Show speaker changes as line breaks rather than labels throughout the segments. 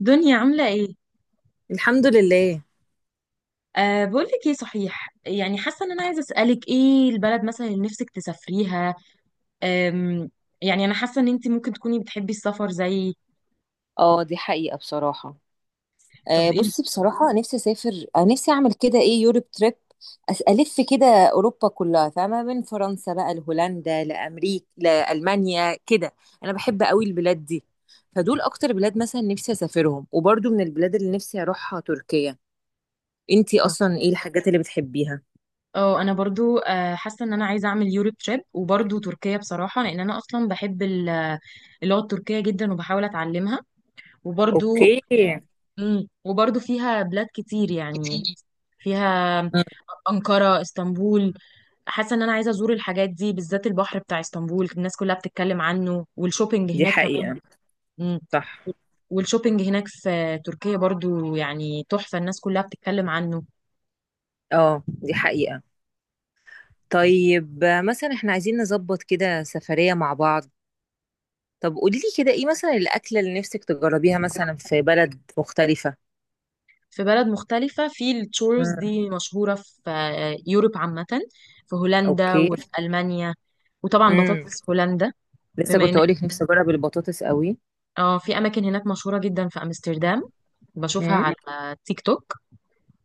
دنيا عاملة ايه؟
الحمد لله.
بقولك ايه، صحيح، يعني حاسة ان انا عايزة اسألك ايه البلد مثلا اللي نفسك تسافريها. أم يعني انا حاسة ان انتي ممكن تكوني بتحبي السفر زي
اه دي حقيقة بصراحة.
طب ايه.
بصي بصراحة نفسي أسافر، نفسي أعمل كده إيه يوروب تريب. ألف كده أوروبا كلها، فاهمة؟ من فرنسا بقى لهولندا لأمريكا لألمانيا كده. أنا بحب قوي البلاد دي، فدول أكتر بلاد مثلا نفسي أسافرهم. وبرضو من البلاد اللي نفسي أروحها تركيا. أنتي
اه
أصلا إيه الحاجات اللي بتحبيها؟
اه انا برضو حاسة ان انا عايزة اعمل يوروب تريب، وبرضو تركيا بصراحة، لان انا اصلا بحب اللغة التركية جدا، وبحاول اتعلمها. وبرضو
اوكي.
وبرضو فيها بلاد كتير يعني،
كتير.
فيها
مم،
أنقرة، اسطنبول. حاسه ان انا عايزه ازور الحاجات دي، بالذات البحر بتاع اسطنبول، الناس كلها بتتكلم عنه، والشوبينج
دي
هناك كمان.
حقيقة.
مم.
صح.
والشوبينج هناك في تركيا برضو، يعني تحفه، الناس كلها بتتكلم عنه.
اه دي حقيقة. طيب، مثلا احنا عايزين نظبط كده سفرية مع بعض. طب قولي لي كده ايه مثلا الأكلة اللي نفسك تجربيها مثلا في بلد مختلفة؟
في بلد مختلفه، في التورز
امم.
دي مشهوره في يوروب عامه، في هولندا
اوكي.
وفي المانيا، وطبعا
امم.
بطاطس هولندا.
لسه
بما
كنت
ان إح-
اقولك نفسي اجرب البطاطس قوي.
اه، في اماكن هناك مشهوره جدا في امستردام، بشوفها
امم.
على تيك توك.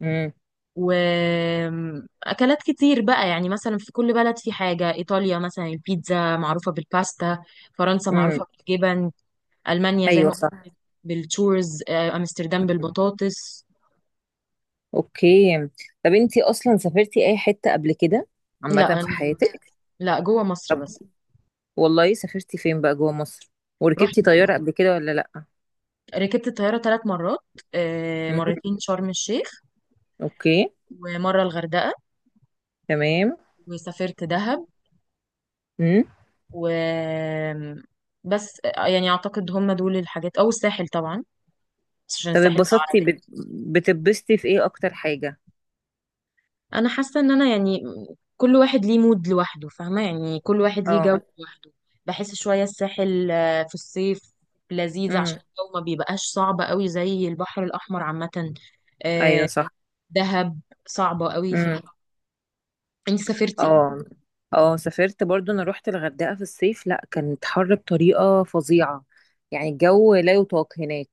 امم.
واكلات كتير بقى، يعني مثلا في كل بلد في حاجه، ايطاليا مثلا البيتزا، معروفه بالباستا، فرنسا
امم.
معروفه بالجبن، المانيا زي
ايوه
ما
صح.
قلت بالتشورز، امستردام
مم.
بالبطاطس.
اوكي. طب انتي اصلا سافرتي اي حتة قبل كده،
لا،
عامة في
انا،
حياتك؟
لا، جوه مصر
طب
بس.
والله سافرتي فين بقى جوه مصر؟ وركبتي
رحت،
طيارة قبل كده ولا لا؟
ركبت الطياره 3 مرات،
امم.
مرتين شرم الشيخ،
اوكي.
ومره الغردقه.
تمام.
وسافرت دهب.
مم.
و بس، يعني اعتقد هم دول الحاجات، او الساحل طبعا، بس عشان
طب
الساحل
اتبسطتي بتتبسطي في ايه اكتر حاجة؟
انا حاسه ان انا يعني كل واحد ليه مود لوحده، فاهمه؟ يعني كل واحد ليه جو
اه.
لوحده. بحس شويه الساحل في الصيف لذيذ،
امم.
عشان الجو ما بيبقاش صعب قوي زي البحر الاحمر عامه.
ايوه
آه،
صح.
دهب صعبه قوي في
امم.
الحر. انت سافرتي؟
اه. اه سافرت برضو، انا روحت الغردقة في الصيف، لا كانت حر بطريقة فظيعة، يعني الجو لا يطاق هناك.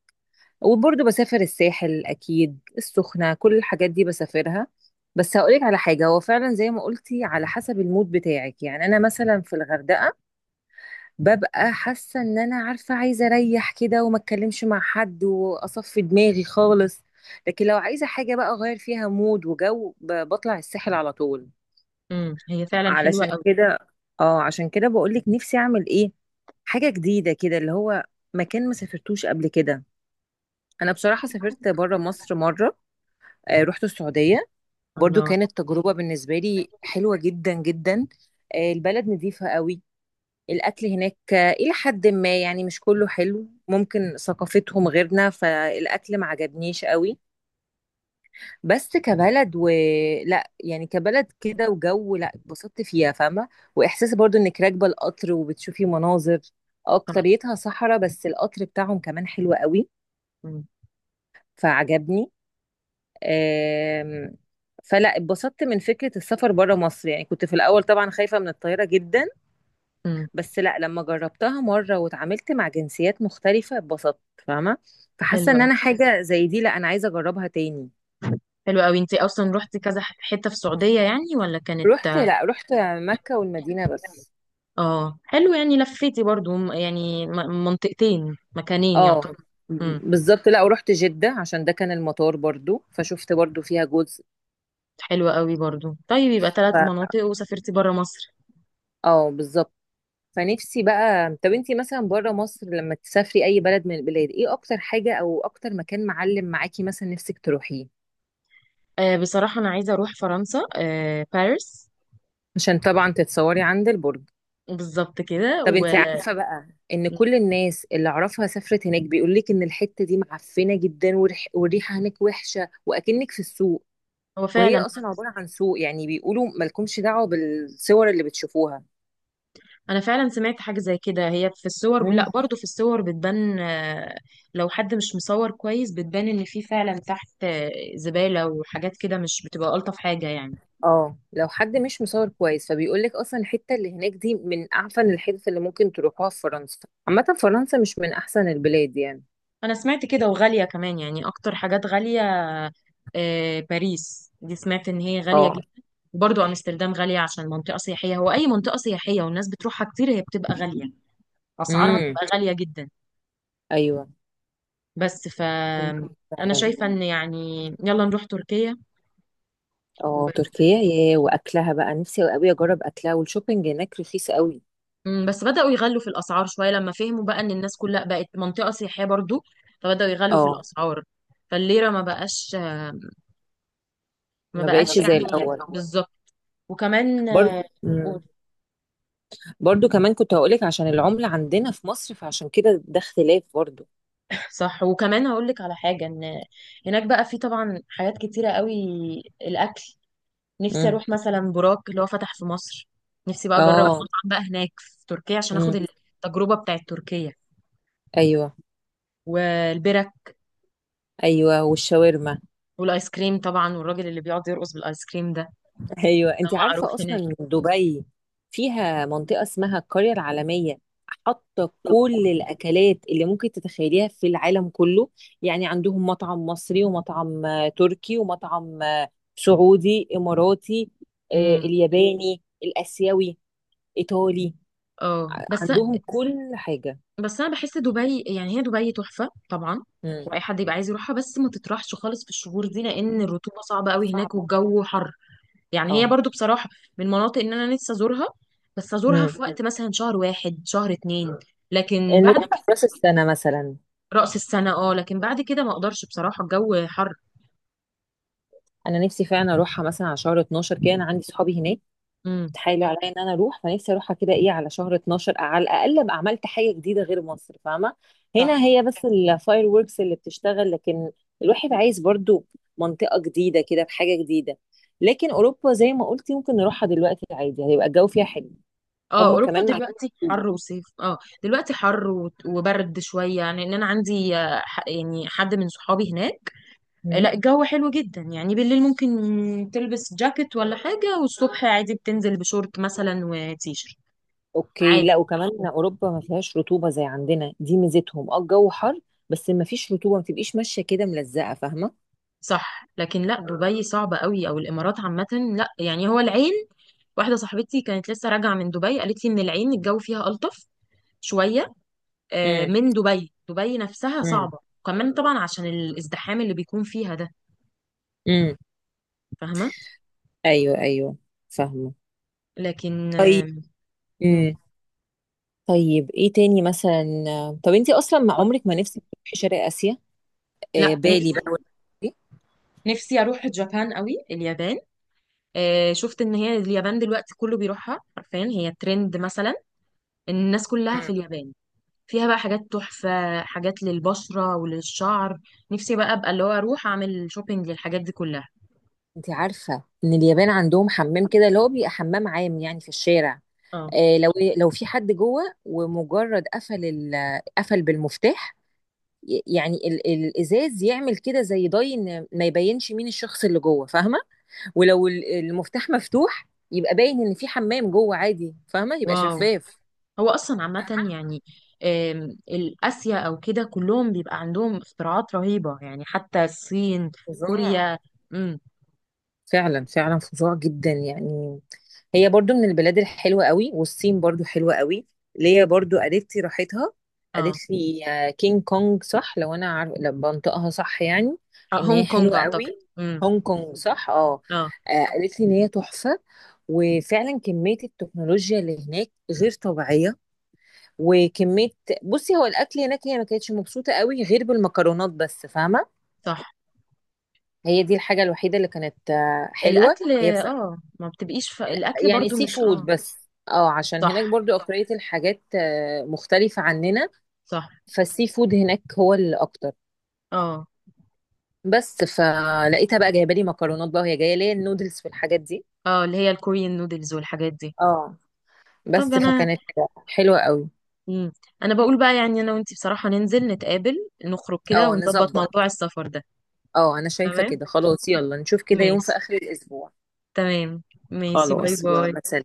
وبرضو بسافر الساحل اكيد، السخنة، كل الحاجات دي بسافرها. بس هقولك على حاجة، هو فعلا زي ما قلتي على حسب المود بتاعك. يعني انا مثلا في الغردقة ببقى حاسه ان انا عارفه عايزه اريح كده وما اتكلمش مع حد واصفي دماغي خالص. لكن لو عايزه حاجه بقى اغير فيها مود وجو، بطلع الساحل على طول.
هي فعلا حلوه
علشان
قوي.
كده، اه عشان كده بقولك نفسي اعمل ايه حاجه جديده كده، اللي هو مكان ما سافرتوش قبل كده. انا بصراحه سافرت بره مصر مره،
مم.
رحت السعوديه. برضو
الله.
كانت تجربه بالنسبه لي حلوه جدا جدا. البلد نظيفه قوي. الأكل هناك إلى حد ما، يعني مش كله حلو، ممكن ثقافتهم غيرنا فالأكل ما عجبنيش قوي. بس كبلد، و لا يعني كبلد كده وجو، لا اتبسطت فيها، فاهمة؟ وإحساس برضو إنك راكبة القطر وبتشوفي مناظر
طب.
أكتريتها صحراء، بس القطر بتاعهم كمان حلو قوي،
مم.
فعجبني. آم، فلا اتبسطت من فكرة السفر بره مصر. يعني كنت في الأول طبعا خايفة من الطيارة جدا،
مم.
بس لا لما جربتها مرة واتعاملت مع جنسيات مختلفة اتبسطت، فاهمة؟ فحاسة
حلوه
ان انا
قوي،
حاجة زي دي لا انا عايزة اجربها تاني.
حلوه قوي. انت اصلا رحتي كذا حته في السعوديه، يعني، ولا كانت؟
رحت، لا رحت مكة والمدينة بس.
اه، حلو. يعني لفيتي برضو منطقتين، مكانين
اه
يعتبر. امم.
بالظبط، لا ورحت جدة عشان ده كان المطار، برضو فشفت برضو فيها جزء.
حلوة قوي برضو. طيب، يبقى
ف
3 مناطق وسافرتي برا مصر.
اه بالظبط. فنفسي بقى، طب انتي مثلا بره مصر لما تسافري اي بلد من البلاد، ايه اكتر حاجة او اكتر مكان معلم معاكي مثلا نفسك تروحيه؟
آه بصراحة، أنا عايزة أروح فرنسا، باريس،
عشان طبعا تتصوري عند البرج.
بالظبط كده،
طب انت
وهو
عارفة بقى ان كل الناس اللي اعرفها سافرت هناك بيقول لك ان الحتة دي معفنة جدا، والريحة هناك وحشة واكنك في السوق، وهي
فعلا.
اصلا عبارة عن سوق. يعني بيقولوا مالكمش دعوة بالصور اللي بتشوفوها.
أنا فعلا سمعت حاجة زي كده. هي في الصور،
مم.
لا، برضو في الصور بتبان، لو حد مش مصور كويس بتبان إن في فعلا تحت زبالة وحاجات كده، مش بتبقى ألطف حاجة يعني.
اه لو حد مش مصور كويس فبيقول لك اصلا الحتة اللي هناك دي من اعفن الحتت اللي ممكن تروحوها في فرنسا. عامة فرنسا مش من احسن البلاد يعني.
انا سمعت كده، وغالية كمان يعني، اكتر حاجات غالية. باريس دي سمعت ان هي غالية
اه.
جدا. برضو امستردام غالية، عشان منطقة سياحية، هو اي منطقة سياحية والناس بتروحها كتير هي بتبقى غالية، اسعارها
امم.
بتبقى غالية جدا.
ايوه
بس ف
ممكن
انا
فعلا.
شايفة ان يعني يلا نروح تركيا. و...
اه تركيا ياه، واكلها بقى نفسي قوي اجرب اكلها، والشوبينج هناك رخيص قوي.
بس بدأوا يغلوا في الاسعار شوية، لما فهموا بقى ان الناس كلها بقت، منطقة سياحية برضو، فبدأوا يغلوا في
اه
الاسعار. فالليرة ما بقاش ما ما
ما
بقاش
بقتش
بقتش
زي
يعني غالية.
الاول.
بالظبط. وكمان،
برضه مم. برضو كمان كنت هقولك عشان العملة عندنا في مصر، فعشان كده ده اختلاف برضو.
صح. وكمان هقول لك على حاجة، ان هناك بقى في طبعا حاجات كتيرة قوي، الاكل. نفسي
امم.
اروح مثلا براك، اللي هو فتح في مصر، نفسي بقى اجرب
اه.
مطعم بقى هناك في تركيا، عشان اخد
امم.
التجربة بتاعت تركيا.
ايوه
والبرك،
ايوه. والشاورما.
والايس كريم طبعا، والراجل اللي بيقعد يرقص بالايس كريم ده،
ايوه
ده
انت
معروف
عارفه
هناك.
اصلا دبي فيها منطقه اسمها القريه العالميه، حاطه كل الاكلات اللي ممكن تتخيليها في العالم كله. يعني عندهم مطعم مصري، ومطعم تركي، ومطعم، سعودي اماراتي،
امم.
الياباني الاسيوي، ايطالي.
اه بس،
عندهم كل حاجه.
بس انا بحس دبي، يعني هي دبي تحفة طبعا،
امم.
واي حد يبقى عايز يروحها، بس ما تطرحش خالص في الشهور دي، لان الرطوبة صعبة قوي هناك،
صعبه.
والجو حر. يعني هي
اه.
برضو بصراحة من مناطق ان انا نفسي ازورها، بس ازورها
امم.
في وقت مثلا شهر 1، شهر 2، لكن بعد
نروحها
كده
في راس السنه مثلا.
رأس السنة، اه، لكن بعد كده ما اقدرش بصراحة، الجو حر.
انا نفسي فعلا اروحها مثلا على شهر 12 كده، انا عندي صحابي هناك
امم.
تحايلوا عليا ان انا اروح، فنفسي اروحها كده ايه على شهر 12، على الاقل ابقى عملت حاجه جديده غير مصر، فاهمه؟ هنا
صح.
هي بس الفاير ووركس اللي بتشتغل، لكن الواحد عايز برضو منطقه جديده كده بحاجه جديده. لكن اوروبا زي ما قلتي ممكن نروحها دلوقتي عادي، هيبقى الجو فيها حلو.
اه
هم
اوروبا
كمان مع
دلوقتي حر
الرطوبه.
وصيف، اه دلوقتي حر وبرد شويه، يعني ان انا عندي يعني حد من صحابي هناك.
مم.
لا الجو حلو جدا يعني، بالليل ممكن تلبس جاكيت ولا حاجه، والصبح عادي بتنزل بشورت مثلا وتيشرت
اوكي،
عادي.
لا وكمان اوروبا ما فيهاش رطوبه زي عندنا، دي ميزتهم. اه الجو حر بس ما فيش رطوبه، ما تبقيش ماشيه كده ملزقه، فاهمه؟
صح، لكن لا، دبي صعبة قوي، او الامارات عامة. لا يعني، هو العين، واحدة صاحبتي كانت لسه راجعة من دبي، قالت لي ان العين الجو فيها ألطف شوية
امم.
من دبي، دبي نفسها
مم.
صعبة، كمان طبعا عشان الازدحام اللي بيكون فيها ده،
امم.
فاهمة.
ايوه ايوه فاهمه.
لكن
طيب.
مم.
امم. طيب ايه تاني مثلا؟ طب انت اصلا ما عمرك ما نفسك تروحي شرق اسيا، آه
لا،
بالي
نفسي،
بقى والحاجات دي؟
نفسي اروح جابان قوي، اليابان. شفت ان هي اليابان دلوقتي كله بيروحها، حرفيا هي ترند مثلا، الناس كلها
مم.
في اليابان، فيها بقى حاجات تحفة، حاجات للبشرة وللشعر. نفسي بقى ابقى اللي هو اروح اعمل شوبينج للحاجات دي كلها.
انت عارفه ان اليابان عندهم حمام كده اللي هو بيبقى حمام عام يعني في الشارع؟
اه.
لو، لو في حد جوه ومجرد قفل قفل بالمفتاح، يعني الازاز يعمل كده زي ضي ان ما يبينش مين الشخص اللي جوه، فاهمه؟ ولو المفتاح مفتوح يبقى باين ان في حمام جوه عادي، فاهمه؟ يبقى
واو.
شفاف.
هو اصلا عامة
فاهمه؟
يعني الاسيا او كده، كلهم بيبقى عندهم اختراعات رهيبة، يعني حتى الصين،
فظاع.
كوريا. امم.
فعلا فعلا فظاع جدا يعني. هي برضو من البلاد الحلوة قوي، والصين برضو حلوة قوي. ليا برضو قالت لي راحتها، قالت
اه.
لي كينج كونج، صح لو انا عارف لو بنطقها صح يعني، ان
هونج
هي
كونج
حلوة
اعتقد.
قوي.
امم.
هونج كونج صح اه.
اه.
قالت لي ان هي تحفة، وفعلا كمية التكنولوجيا اللي هناك غير طبيعية. وكمية، بصي هو الأكل هناك هي ما كانتش مبسوطة قوي غير بالمكرونات بس، فاهمة؟
صح،
هي دي الحاجة الوحيدة اللي كانت حلوة
الاكل.
هي بس.
اه ما بتبقيش الاكل
يعني
برضو
سي
مش،
فود
اه.
بس، اه عشان
صح.
هناك برضو أكترية الحاجات مختلفة عننا،
صح.
فالسي فود هناك هو الأكتر.
اه.
بس فلقيتها بقى جايبة لي مكرونات بقى، وهي جاية ليا النودلز والحاجات دي.
اه اللي هي الكوريين، نودلز والحاجات دي.
اه
طب
بس
انا،
فكانت حلوة قوي.
امم، انا بقول بقى يعني انا وانتي بصراحة ننزل نتقابل، نخرج كده
اه
ونظبط
نظبط.
موضوع السفر ده.
اه أنا شايفة
تمام،
كده، خلاص يلا نشوف كده يوم
ماشي.
في آخر الأسبوع.
تمام، ماشي، باي
خلاص
باي.
يلا سلام.